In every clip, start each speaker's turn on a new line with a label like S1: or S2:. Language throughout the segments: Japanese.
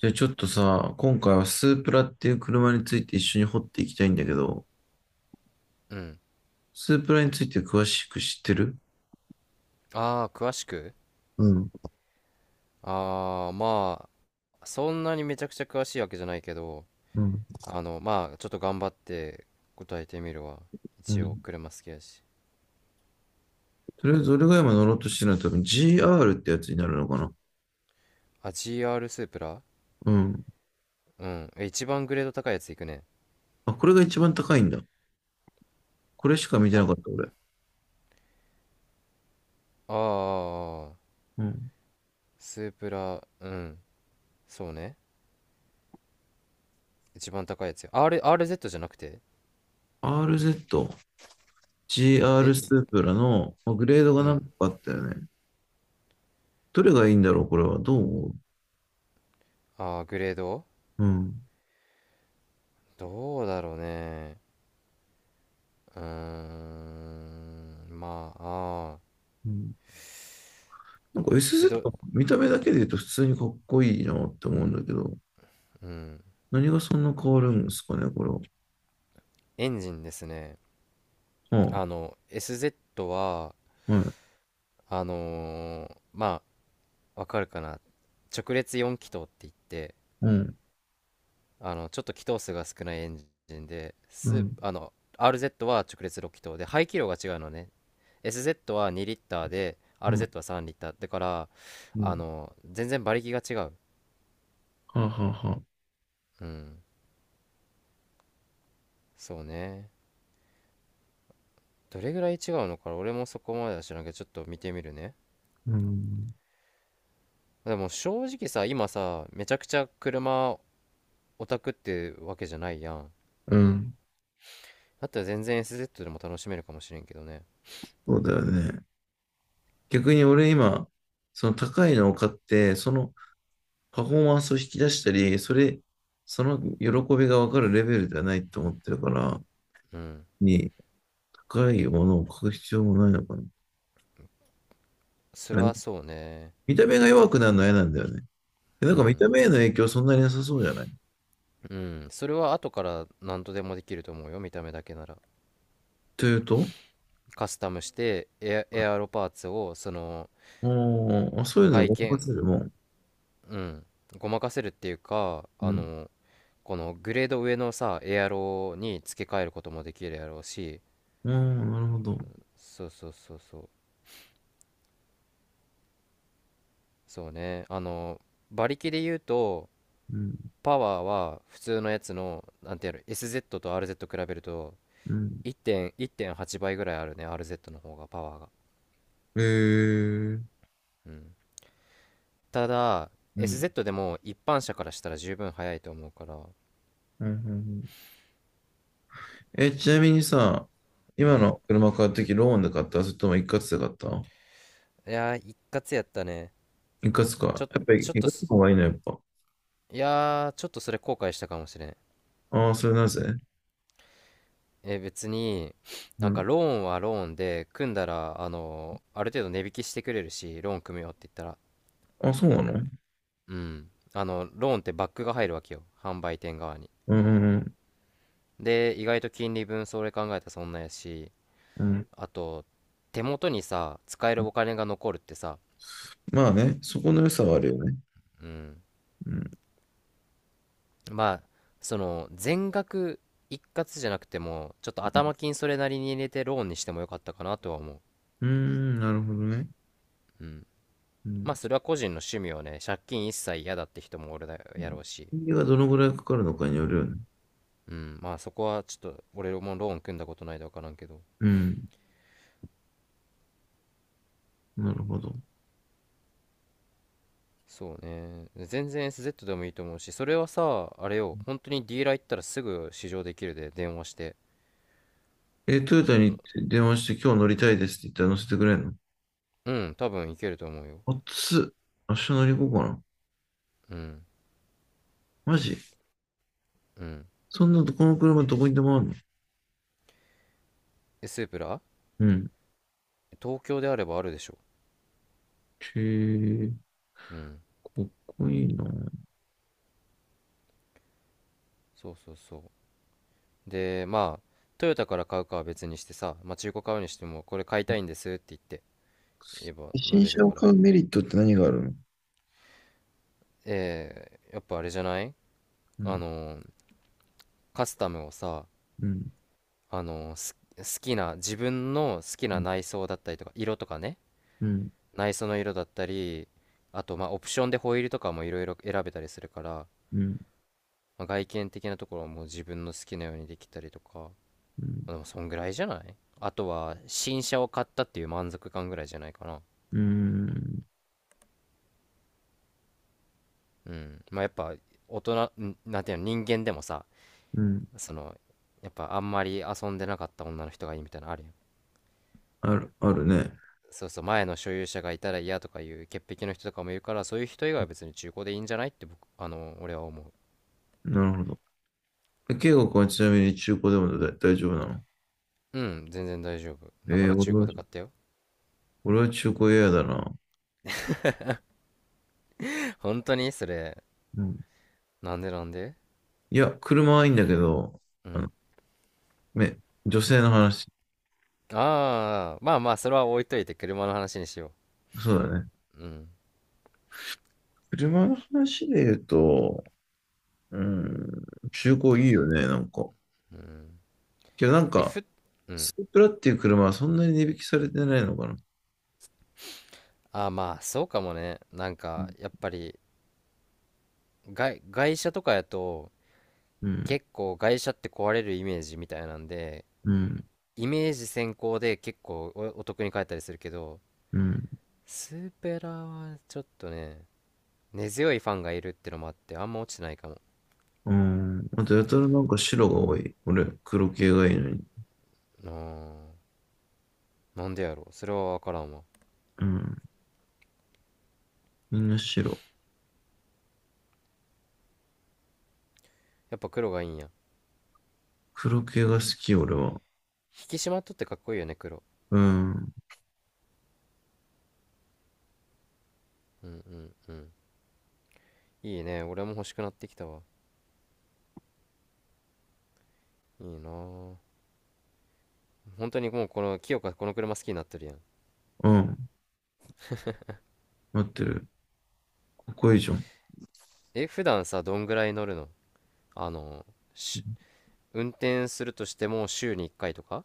S1: じゃあちょっとさ、今回はスープラっていう車について一緒に掘っていきたいんだけど、
S2: うん。
S1: スープラについて詳しく知ってる？
S2: ああ、詳しく。
S1: うん、
S2: まあ、そんなにめちゃくちゃ詳しいわけじゃないけど、
S1: うん、
S2: まあ、ちょっと頑張って答えてみるわ。
S1: う
S2: 一応、
S1: ん。
S2: 車好きやし。
S1: とりあえず俺が今乗ろうとしてるのは多分 GR ってやつになるのかな？
S2: あ、GR スープラ。
S1: うん。
S2: うん。一番グレード高いやついくね。
S1: あ、これが一番高いんだ。これしか見て
S2: 多
S1: なか
S2: 分、
S1: った俺。
S2: ああ、
S1: うん。
S2: スープラ。うん。そうね。一番高いやつよ。RZ じゃなくて。
S1: RZ、GR
S2: え、
S1: ス
S2: ず
S1: ープラのまあグレード
S2: う
S1: が何
S2: ん。
S1: 個かあったよね。どれがいいんだろう、これは。どう思う？
S2: ああ、グレード。
S1: うん。
S2: どうだろうね。うーん。まあ、ああ。
S1: うん、なんか
S2: え、ど、
S1: SZ、見た目だけで言うと普通にかっこいいなって思うんだけど、
S2: うん。
S1: 何がそんな変わるんですかね、これは。は
S2: エンジンですね。SZ は、
S1: あ、はい。
S2: まあ、わかるかな。直列4気筒って言って、
S1: うん、
S2: ちょっと気筒数が少ないエンジンで、
S1: う
S2: ス
S1: ん、
S2: あの、RZ は直列6気筒で、排気量が違うのね。SZ は2リッターで、
S1: うん、
S2: RZ は3リッター。だから、
S1: うん、
S2: 全然馬力が違う。
S1: はあ、はあ、はあ。
S2: うん。そうね。どれぐらい違うのか俺もそこまでは知らんけど、ちょっと見てみるね。
S1: うん。
S2: でも正直さ、今さ、めちゃくちゃ車オタクってわけじゃないやん。
S1: うん。
S2: だったら全然 SZ でも楽しめるかもしれんけどね。
S1: そうだよね。逆に俺今、その高いのを買って、そのパフォーマンスを引き出したり、その喜びがわかるレベルではないと思ってるから、
S2: うん。
S1: に、高いものを買う必要もないのかな。
S2: それ
S1: 何
S2: はそうね。
S1: 見た目が弱くなるのは嫌なんだよね。な
S2: う
S1: んか見た
S2: ん。
S1: 目への影響そんなになさそうじゃない？
S2: うん。それは後から何とでもできると思うよ、見た目だけなら。
S1: というと、
S2: カスタムしてエアロパーツを、その、
S1: おあ、そういうの
S2: 外
S1: でごま
S2: 見、
S1: かせるもん。
S2: うん。ごまかせるっていうか、
S1: うん、
S2: このグレード上のさ、エアロに付け替えることもできるやろうし、
S1: ああ、なるほど。
S2: そうそうそうそう。そうね。馬力で言うと、
S1: うん、
S2: パワーは普通のやつの、なんてやろ、SZ と RZ 比べると
S1: うん。
S2: 1.、1.8倍ぐらいあるね、RZ の方が、パワーが。
S1: えー、
S2: うん。ただ、
S1: うん、うん、
S2: SZ でも一般車からしたら十分速いと思うから。
S1: うん。うん、え、ちなみにさ、
S2: う
S1: 今
S2: ん。
S1: の車買うとき、ローンで買った？それとも一括で買った？
S2: いやー、一括やったね。
S1: 一括
S2: ち
S1: か。
S2: ょ、
S1: やっぱり
S2: ちょっ
S1: 一括
S2: と
S1: の
S2: す、
S1: 方がいいの、やっぱ。
S2: いやー、ちょっとそれ後悔したかもしれん。
S1: ああ、それなぜ？
S2: 別に、
S1: う
S2: なんか
S1: ん。
S2: ローンはローンで、組んだら、ある程度値引きしてくれるし、ローン組むよって言ったら。
S1: あ、そうなの？
S2: うん。ローンってバックが入るわけよ、販売店側に。
S1: うん、うん、
S2: で、意外と金利分それ考えたらそんなやし、
S1: うん。うん、
S2: あと、手元にさ、使えるお金が残るってさ。
S1: まあね、そこの良さはあるよね。
S2: うん。
S1: うん。
S2: まあ、全額一括じゃなくても、ちょっと頭金それなりに入れてローンにしてもよかったかなとは思う。
S1: うーん、なるほどね。
S2: うん。
S1: うん。
S2: まあ、それは個人の趣味をね、借金一切嫌だって人も俺だ、やろうし。
S1: 金利がどのぐらいかかるのかによるよね。
S2: うん。まあ、そこはちょっと、俺もローン組んだことないで分からんけど。
S1: うん。なるほど。
S2: そうね。全然 SZ でもいいと思うし、それはさ、あれよ、本当にディーラー行ったらすぐ試乗できるで、電話して。
S1: え、トヨタに電話して今日乗りたいですって言ったら乗せてくれんの？
S2: うん、多分いけると思うよ。
S1: 暑っ。明日乗り行こうかな。
S2: うん、
S1: マジ？
S2: うん。
S1: そんなとこの車どこにでもあるの？
S2: え、スープラ？
S1: うん。
S2: 東京であればあるでしょ。
S1: へえ、
S2: うん、
S1: かっこいいな。
S2: そうそうそう。で、まあ、トヨタから買うかは別にしてさ、まあ、中古買うにしても、これ買いたいんですって言って、言えば乗
S1: 新
S2: れる
S1: 車を
S2: から。
S1: 買うメリットって何があるの？
S2: やっぱあれじゃない？
S1: う
S2: あ
S1: ん、
S2: のー、カスタムをさ、
S1: うん、
S2: あのー、す好きな、自分の好き
S1: う
S2: な
S1: ん、
S2: 内装だったりとか、色とかね、
S1: うん、
S2: 内装の色だったり、あと、まあ、オプションでホイールとかもいろいろ選べたりするから、
S1: うん、
S2: まあ、外見的なところはもう自分の好きなようにできたりとか、ま
S1: うん、
S2: あ、でもそんぐらいじゃない？あとは新車を買ったっていう満足感ぐらいじゃないかな。
S1: うん、
S2: うん。まあ、やっぱ大人ん、なんていうの、人間でもさ、そのやっぱあんまり遊んでなかった女の人がいいみたいなのあるやん。
S1: ある、あるね。
S2: そうそう、前の所有者がいたら嫌とかいう潔癖の人とかもいるから、そういう人以外は別に中古でいいんじゃないって、僕あの俺は思う。
S1: なるほど。え、圭吾君はちなみに中古でも大丈夫なの？
S2: うん、全然大丈夫
S1: え
S2: だか
S1: ー、
S2: ら
S1: 俺
S2: 中古
S1: は、
S2: で買ったよ。
S1: 俺は中古嫌だな。
S2: 本当にそれ。
S1: うん。
S2: なんで、なんで。
S1: いや、車はいいんだけど、
S2: う
S1: あの、
S2: ん。
S1: め、女性の話。
S2: ああ、まあまあ、それは置いといて車の話にしよ
S1: そうだね。
S2: う。うん。
S1: 車の話で言うと、うん、中古いいよね、なんか。
S2: うん。
S1: けどなん
S2: え、
S1: か、
S2: ふ、う
S1: ス
S2: ん。
S1: ープラっていう車はそんなに値引きされてないのかな。
S2: ああ、まあ、そうかもね。なん
S1: う
S2: か、
S1: ん、
S2: やっぱり、外車とかやと、
S1: うん、
S2: 結構外車って壊れるイメージみたいなんで、
S1: うん、
S2: イメージ先行で結構お得に買えたりするけど、
S1: うん。
S2: スーペラはちょっとね、根強いファンがいるってのもあって、あんま落ちてないかも。
S1: うん、あと、やたらなんか白が多い。俺、黒系がいいのに。
S2: あーなんでやろう。それはわからんわ。
S1: うん、みんな白。
S2: やっぱ黒がいいんや。
S1: 黒系が好き、俺は。
S2: 引き締まっとってかっこいいよね、黒。
S1: うん、
S2: うんうんうん。いいね。俺も欲しくなってきたわ。いいなぁ。本当にもう、清香、この車好きになってるやん。
S1: うん、待ってる。ここいいじゃん。
S2: え、普段さ、どんぐらい乗るの？あの、し、運転するとしても週に1回とか。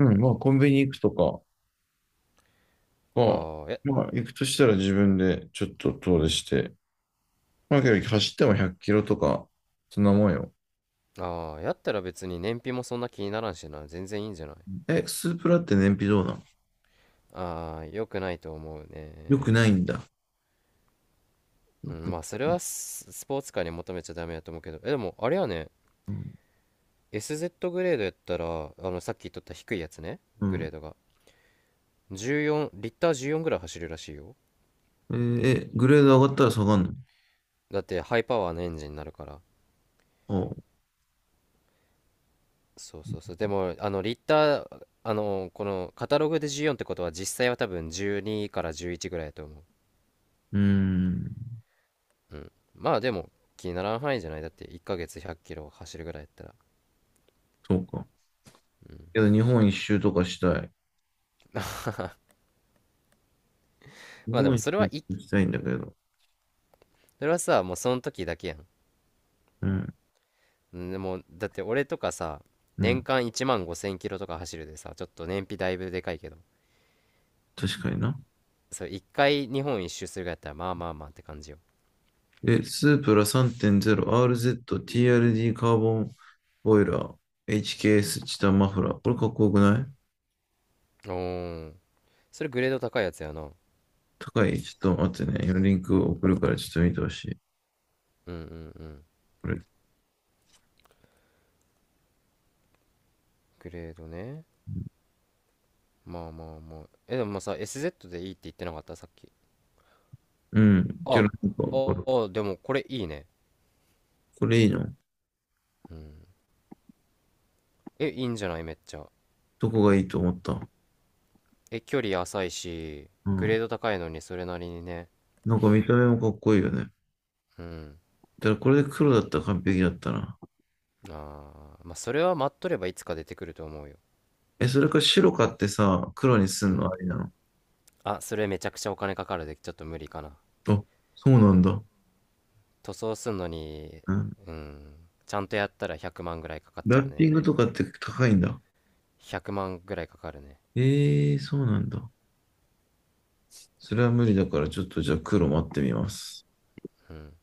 S1: うん、まあ、コンビニ行くとかが、
S2: ああ、え、
S1: まあ、行くとしたら自分でちょっと遠出して、まあ、けど走っても100キロとか、そんなもんよ。
S2: ああ、やったら別に燃費もそんな気にならんしな。全然いいんじゃない？
S1: え、スープラって燃費どうなん？
S2: ああ、良くないと思う
S1: よくない
S2: ね。
S1: んだ。よ
S2: うん、
S1: く、
S2: まあ、それはスポーツカーに求めちゃダメだと思うけど。でも、あれやね。
S1: うん、
S2: SZ グレードやったら、さっき言っとった低いやつね。
S1: う
S2: グレ
S1: ん。
S2: ードが。14、リッター14ぐらい走るらしいよ。
S1: えーえ、グレード上がったら下がんの？
S2: だってハイパワーのエンジンになるから。
S1: ああ、
S2: そうそうそう。でも、リッター、このカタログで14ってことは、実際は多分12から11ぐらいだと思
S1: うーん、
S2: う。うん。まあ、でも気にならん範囲じゃない？だって1ヶ月1 0 0キロ走るぐらいやったら。
S1: そうか。けど日本一周とかしたい。日
S2: まあ、で
S1: 本
S2: も、
S1: 一周とかしたいんだけど。
S2: それはさ、もうその時だけやん。
S1: うん、
S2: うん。でも、だって俺とかさ、
S1: う
S2: 年
S1: ん、
S2: 間1万5 0キロとか走るでさ、ちょっと燃費だいぶでかいけど。
S1: 確かにな。
S2: そう、1回日本一周するぐらいやったら、まあまあまあって感じよ。
S1: え、スープラ 3.0RZTRD カーボンボイラー HKS チケーエスチタンマフラー。これかっこよくない？
S2: おー、それグレード高いやつやな。うん。
S1: 高い？ちょっと待ってね。今リンク送るからちょっと見てほしい。
S2: うん。うん。
S1: これ。
S2: グレードね。まあまあまあ。え、でもまあさ、SZ でいいって言ってなかったさっき？
S1: うん。ち
S2: あ、
S1: ょ
S2: あ
S1: っとなんかこれ。
S2: あ、でもこれいいね。
S1: これいいの？
S2: うん。え、いいんじゃない？めっちゃ。
S1: どこがいいと思った？
S2: え、距離浅いし、
S1: う
S2: グレ
S1: ん。
S2: ード高いのにそれなりにね。
S1: なんか見た目もかっこいいよね。
S2: うん。
S1: だからこれで黒だったら完璧だったな。
S2: ああ、まあそれは待っとればいつか出てくると思うよ。
S1: え、それか白買ってさ、黒にす
S2: う
S1: ん
S2: ん。
S1: のありなの？
S2: あ、それめちゃくちゃお金かかるで、ちょっと無理かな。
S1: あ、そうなんだ。
S2: 塗装すんのに。
S1: うん。
S2: うん。ちゃんとやったら100万ぐらいかかっち
S1: ラ
S2: ゃ
S1: ッ
S2: う
S1: ピ
S2: ね。
S1: ングとかって高いんだ。
S2: 100万ぐらいかかるね。
S1: えー、そうなんだ。それは無理だから、ちょっとじゃあ黒待ってみます。
S2: うん。